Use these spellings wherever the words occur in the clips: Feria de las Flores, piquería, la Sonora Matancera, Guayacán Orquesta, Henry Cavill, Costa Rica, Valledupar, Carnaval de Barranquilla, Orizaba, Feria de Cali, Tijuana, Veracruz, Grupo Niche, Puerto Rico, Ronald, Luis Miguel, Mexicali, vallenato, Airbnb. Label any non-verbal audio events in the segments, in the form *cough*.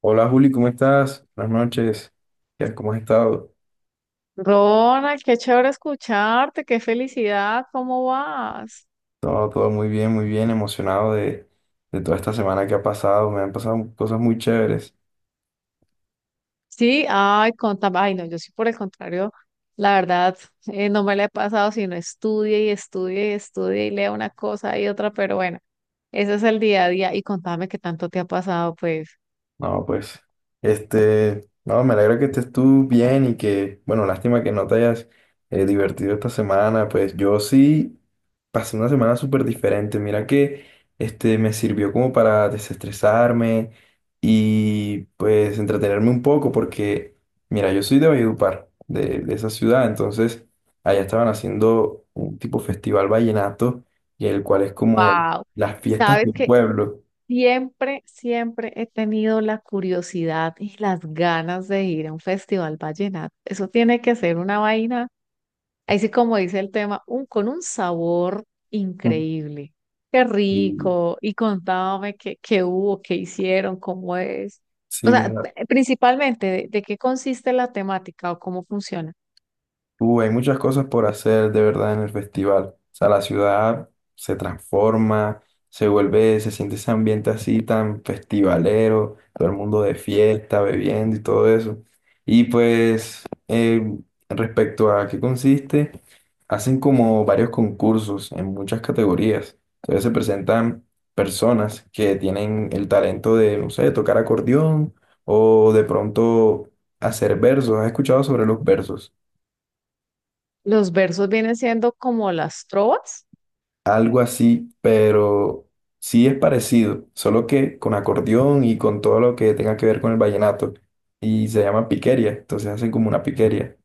Hola Juli, ¿cómo estás? Buenas noches. ¿Cómo has estado? Ronald, qué chévere escucharte, qué felicidad, ¿cómo vas? Todo muy bien, emocionado de toda esta semana que ha pasado. Me han pasado cosas muy chéveres. Sí, ay, contame, ay, no, yo sí por el contrario, la verdad, no me la he pasado, sino estudie y estudie y estudie y lea una cosa y otra, pero bueno, ese es el día a día y contame qué tanto te ha pasado, pues. No, pues, no, me alegra que estés tú bien y que, bueno, lástima que no te hayas divertido esta semana, pues yo sí pasé una semana súper diferente, mira que, me sirvió como para desestresarme y pues entretenerme un poco porque, mira, yo soy de Valledupar, de esa ciudad, entonces allá estaban haciendo un tipo festival vallenato y el cual es como Wow, las fiestas sabes del que pueblo. siempre, siempre he tenido la curiosidad y las ganas de ir a un festival vallenato, eso tiene que ser una vaina. Ahí sí, como dice el tema, un, con un sabor *laughs* increíble. Qué Y, rico. Y contame qué, qué hubo, qué hicieron, cómo es. sí, O sea, mira. Principalmente, de qué consiste la temática o cómo funciona? Hay muchas cosas por hacer de verdad en el festival. O sea, la ciudad se transforma, se vuelve, se siente ese ambiente así tan festivalero, todo el mundo de fiesta, bebiendo y todo eso. Y pues, eh, respecto a qué consiste, hacen como varios concursos en muchas categorías. Entonces se presentan personas que tienen el talento de, no sé, tocar acordeón o de pronto hacer versos. ¿Has escuchado sobre los versos? Los versos vienen siendo como las trovas. Algo así, pero sí es parecido, solo que con acordeón y con todo lo que tenga que ver con el vallenato. Y se llama piquería, entonces hacen como una piquería.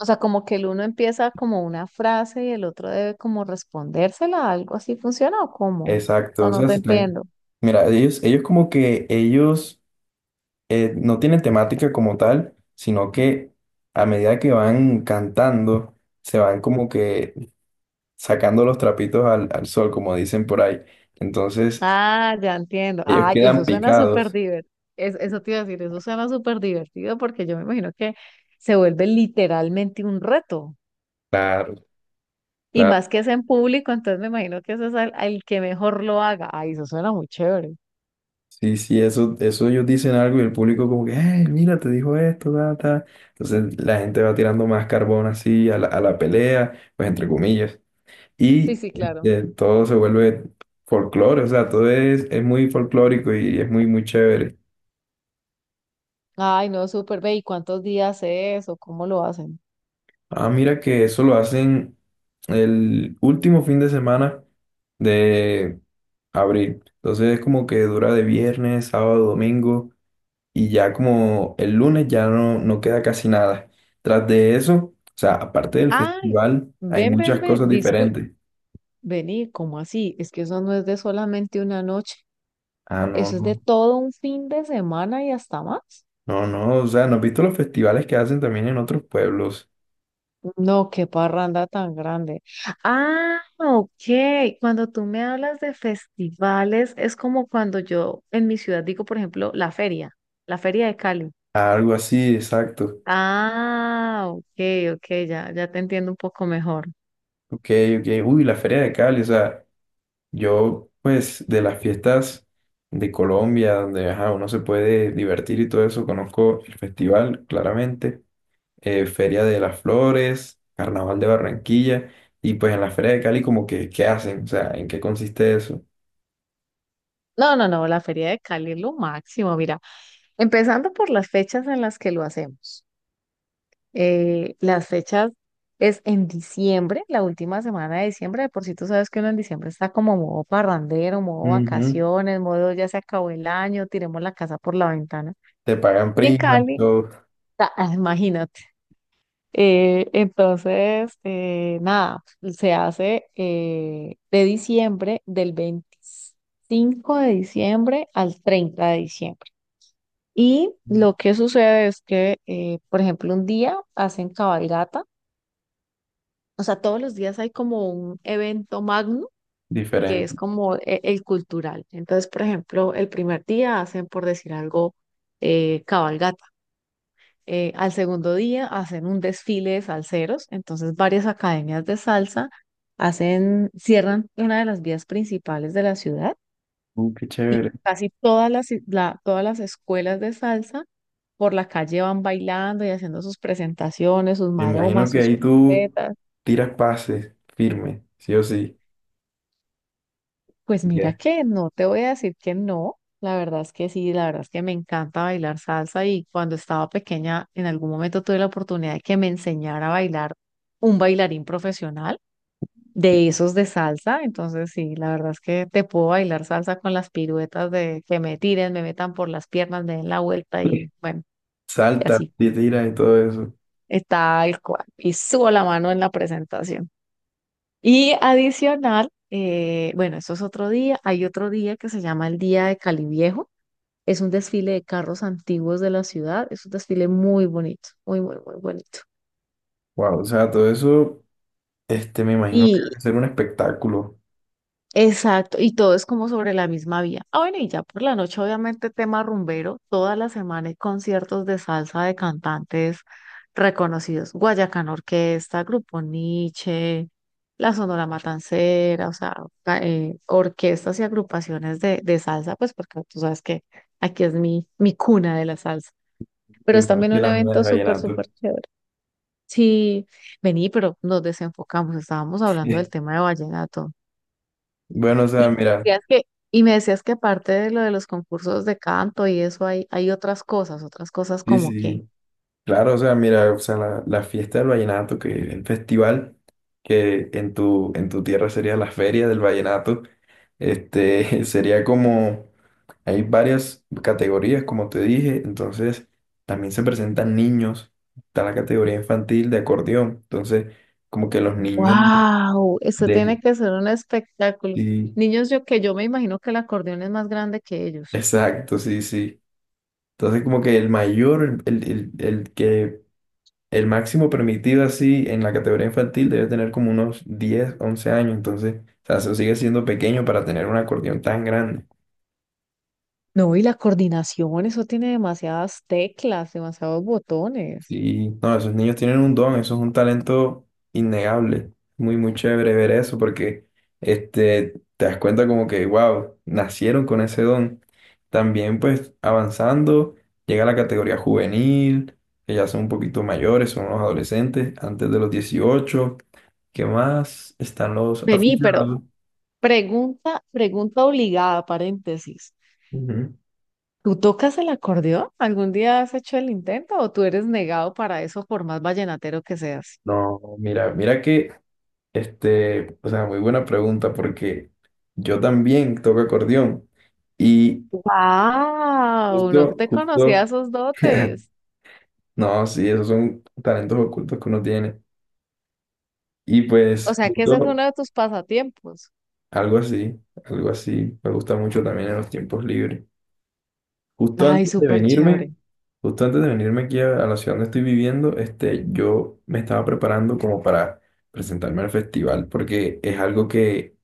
O sea, como que el uno empieza como una frase y el otro debe como respondérsela, ¿algo así funciona o cómo? Exacto, No, o no sea, te se están... entiendo. Mira, ellos como que ellos no tienen temática como tal, sino que a medida que van cantando, se van como que sacando los trapitos al sol, como dicen por ahí. Entonces, Ah, ya entiendo. ellos Ay, quedan eso suena súper picados. divertido. Eso te iba a decir, eso suena súper divertido porque yo me imagino que se vuelve literalmente un reto. Claro, Y claro. más que es en público, entonces me imagino que eso es al, al que mejor lo haga. Ay, eso suena muy chévere. Sí, sí, eso ellos dicen algo y el público como que, hey, mira, te dijo esto, ta, ta". Entonces la gente va tirando más carbón así a a la pelea, pues entre comillas. Sí, Y sí, claro. este, todo se vuelve folclore, o sea, todo es muy folclórico y es muy, muy chévere. Ay, no, súper. Ve, ¿y cuántos días es o cómo lo hacen? Ah, mira que eso lo hacen el último fin de semana de abril. Entonces es como que dura de viernes, sábado, domingo. Y ya como el lunes ya no, no queda casi nada. Tras de eso, o sea, aparte del Ay, festival, hay ven, muchas ven, cosas ven. Disculpe. diferentes. Vení, ¿cómo así? Es que eso no es de solamente una noche. Ah, no, Eso es de no, todo un fin de semana y hasta más. No, o sea, ¿no has visto los festivales que hacen también en otros pueblos? No, qué parranda tan grande. Ah, ok. Cuando tú me hablas de festivales, es como cuando yo en mi ciudad digo, por ejemplo, la feria de Cali. Algo así, exacto. Ah, ok, ok, ya, ya te entiendo un poco mejor. Ok, ok, uy, la Feria de Cali, o sea, yo, pues, de las fiestas de Colombia, donde, ajá, uno se puede divertir y todo eso, conozco el festival, claramente Feria de las Flores, Carnaval de Barranquilla, y pues en la Feria de Cali como que, ¿qué hacen? O sea, ¿en qué consiste eso? No, no, no, la feria de Cali es lo máximo, mira, empezando por las fechas en las que lo hacemos. Las fechas es en diciembre, la última semana de diciembre. De por si tú sabes que uno en diciembre está como modo parrandero, modo Ujú. vacaciones, modo ya se acabó el año, tiremos la casa por la ventana. Te pagan Y en primas, Cali, todo *laughs* ah, imagínate. Entonces, nada, se hace de diciembre, del 25 de diciembre al 30 de diciembre. Y lo que sucede es que, por ejemplo, un día hacen cabalgata. O sea, todos los días hay como un evento magno que es diferente. como el cultural. Entonces, por ejemplo, el primer día hacen, por decir algo, cabalgata. Al segundo día hacen un desfile de salseros. Entonces, varias academias de salsa hacen, cierran una de las vías principales de la ciudad. Qué chévere. Casi todas las, todas las escuelas de salsa por la calle van bailando y haciendo sus presentaciones, sus Me imagino maromas, que sus ahí tú piruetas. tiras pases firme, sí o sí. Pues Te mira quedas que no te voy a decir que no, la verdad es que sí, la verdad es que me encanta bailar salsa y cuando estaba pequeña en algún momento tuve la oportunidad de que me enseñara a bailar un bailarín profesional firme. de esos de salsa, entonces sí, la verdad es que te puedo bailar salsa con las piruetas de que me tiren, me metan por las piernas, me den la vuelta *laughs* y bueno, y Saltas, así te tiras y todo eso. está el cual y subo la mano en la presentación. Y adicional, bueno, eso es otro día, hay otro día que se llama el Día de Cali Viejo. Es un desfile de carros antiguos de la ciudad. Es un desfile muy bonito, muy, muy, muy bonito. Wow, o sea, todo eso, me imagino que va Y a ser un espectáculo, exacto, y todo es como sobre la misma vía. Ah, bueno, y ya por la noche, obviamente, tema rumbero. Toda la semana hay conciertos de salsa de cantantes reconocidos. Guayacán Orquesta, Grupo Niche, la Sonora Matancera, o sea, orquestas y agrupaciones de salsa, pues porque tú sabes que aquí es mi, mi cuna de la salsa. Pero es igual también que un la mina de evento súper, vallenato. súper chévere. Sí, vení, pero nos desenfocamos, estábamos hablando del *laughs* tema de vallenato. Bueno, o Y sea, me mira, decías que, y me decías que aparte de lo de los concursos de canto y eso hay, hay otras cosas sí, como que, sí. Claro, o sea, mira, o sea, la fiesta del vallenato, que el festival que en en tu tierra sería la feria del vallenato, *laughs* sería como, hay varias categorías, como te dije, entonces también se presentan niños, está la categoría infantil de acordeón, entonces como que los niños wow, esto tiene de... que ser un espectáculo. Sí, Niños, yo que yo me imagino que el acordeón es más grande que ellos. exacto, sí, sí. Entonces como que el mayor, el que el máximo permitido así en la categoría infantil debe tener como unos 10 u 11 años, entonces, o sea, eso sigue siendo pequeño para tener un acordeón tan grande. No, y la coordinación, eso tiene demasiadas teclas, demasiados botones. Y no, esos niños tienen un don, eso es un talento innegable. Muy, muy chévere ver eso porque te das cuenta como que, wow, nacieron con ese don. También pues avanzando, llega la categoría juvenil, que ya son un poquito mayores, son los adolescentes, antes de los 18. ¿Qué más? Están los Vení, pero aficionados. pregunta, pregunta obligada, paréntesis. Ujú. ¿Tú tocas el acordeón? ¿Algún día has hecho el intento o tú eres negado para eso por más vallenatero que seas? No, mira, mira que, o sea, muy buena pregunta porque yo también toco acordeón y ¡Wow! No justo, te conocía justo, esos *laughs* dotes. no, sí, esos son talentos ocultos que uno tiene. Y O pues sea que ese es justo uno de tus pasatiempos. algo así, algo así, me gusta mucho también en los tiempos libres. Justo Ay, antes de súper chévere. venirme, justo antes de venirme aquí a la ciudad donde estoy viviendo, yo me estaba preparando como para presentarme al festival porque es algo que,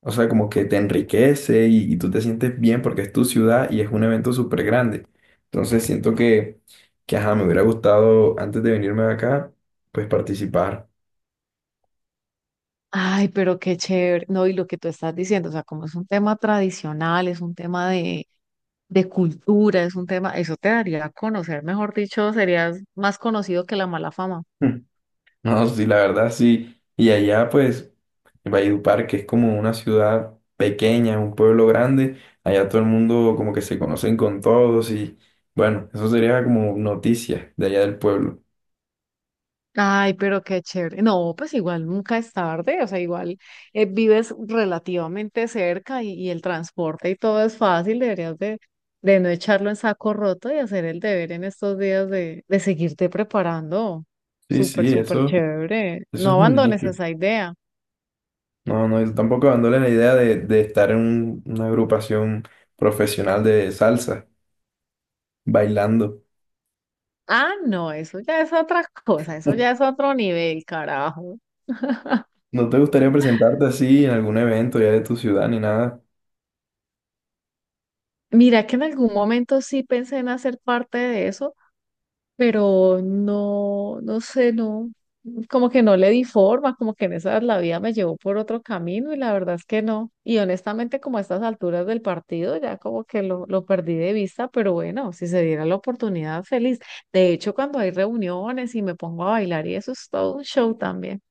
o sea, como que te enriquece y tú te sientes bien porque es tu ciudad y es un evento súper grande. Entonces siento que, ajá, me hubiera gustado antes de venirme de acá, pues participar. Ay, pero qué chévere. No, y lo que tú estás diciendo, o sea, como es un tema tradicional, es un tema de cultura, es un tema, eso te daría a conocer, mejor dicho, serías más conocido que la mala fama. *laughs* No, sí, la verdad sí. Y allá, pues, en Valledupar, que es como una ciudad pequeña, un pueblo grande, allá todo el mundo como que se conocen con todos y bueno, eso sería como noticia de allá del pueblo. Ay, pero qué chévere. No, pues igual nunca es tarde, o sea, igual vives relativamente cerca y el transporte y todo es fácil, deberías de no echarlo en saco roto y hacer el deber en estos días de seguirte preparando. Sí, sí, Súper, súper eso, chévere. eso No es un abandones hecho. esa idea. No, no, yo tampoco dándole la idea de estar en un- una agrupación profesional de salsa, bailando. Ah, no, eso ya es otra *laughs* cosa, eso ya es *laughs* otro nivel, carajo. ¿No te gustaría presentarte así en algún evento ya de tu ciudad ni nada? Mira que en algún momento sí pensé en hacer parte de eso, pero no, no sé, no, como que no le di forma, como que en esas la vida me llevó por otro camino y la verdad es que no. Y honestamente, como a estas alturas del partido, ya como que lo perdí de vista, pero bueno, si se diera la oportunidad, feliz. De hecho, cuando hay reuniones y me pongo a bailar y eso es todo un show también.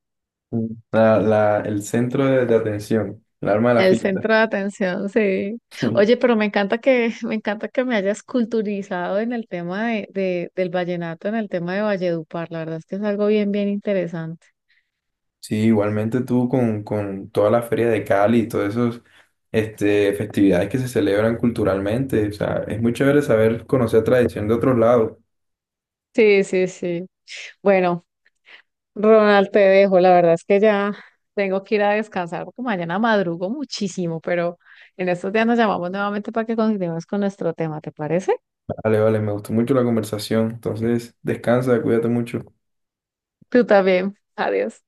Mm. El centro de atención, el alma de la El fiesta. centro *laughs* de atención, sí. Sí, Oye, pero me encanta que, *laughs* me encanta que me hayas culturizado en el tema de, del vallenato, en el tema de Valledupar. La verdad es que es algo bien, bien interesante. sí, igualmente tú con toda la feria de Cali y todas esas festividades que se celebran culturalmente. O sea, es muy chévere saber conocer tradición de otros lados. Sí, sí, sí. Bueno, Ronald, te dejo. La verdad es que ya tengo que ir a descansar porque mañana madrugo muchísimo, pero en estos días nos llamamos nuevamente para que continuemos con nuestro tema, ¿te parece? Vale, vale, me gustó mucho la conversación. Entonces, descansa, cuídate mucho. Tú también. Adiós.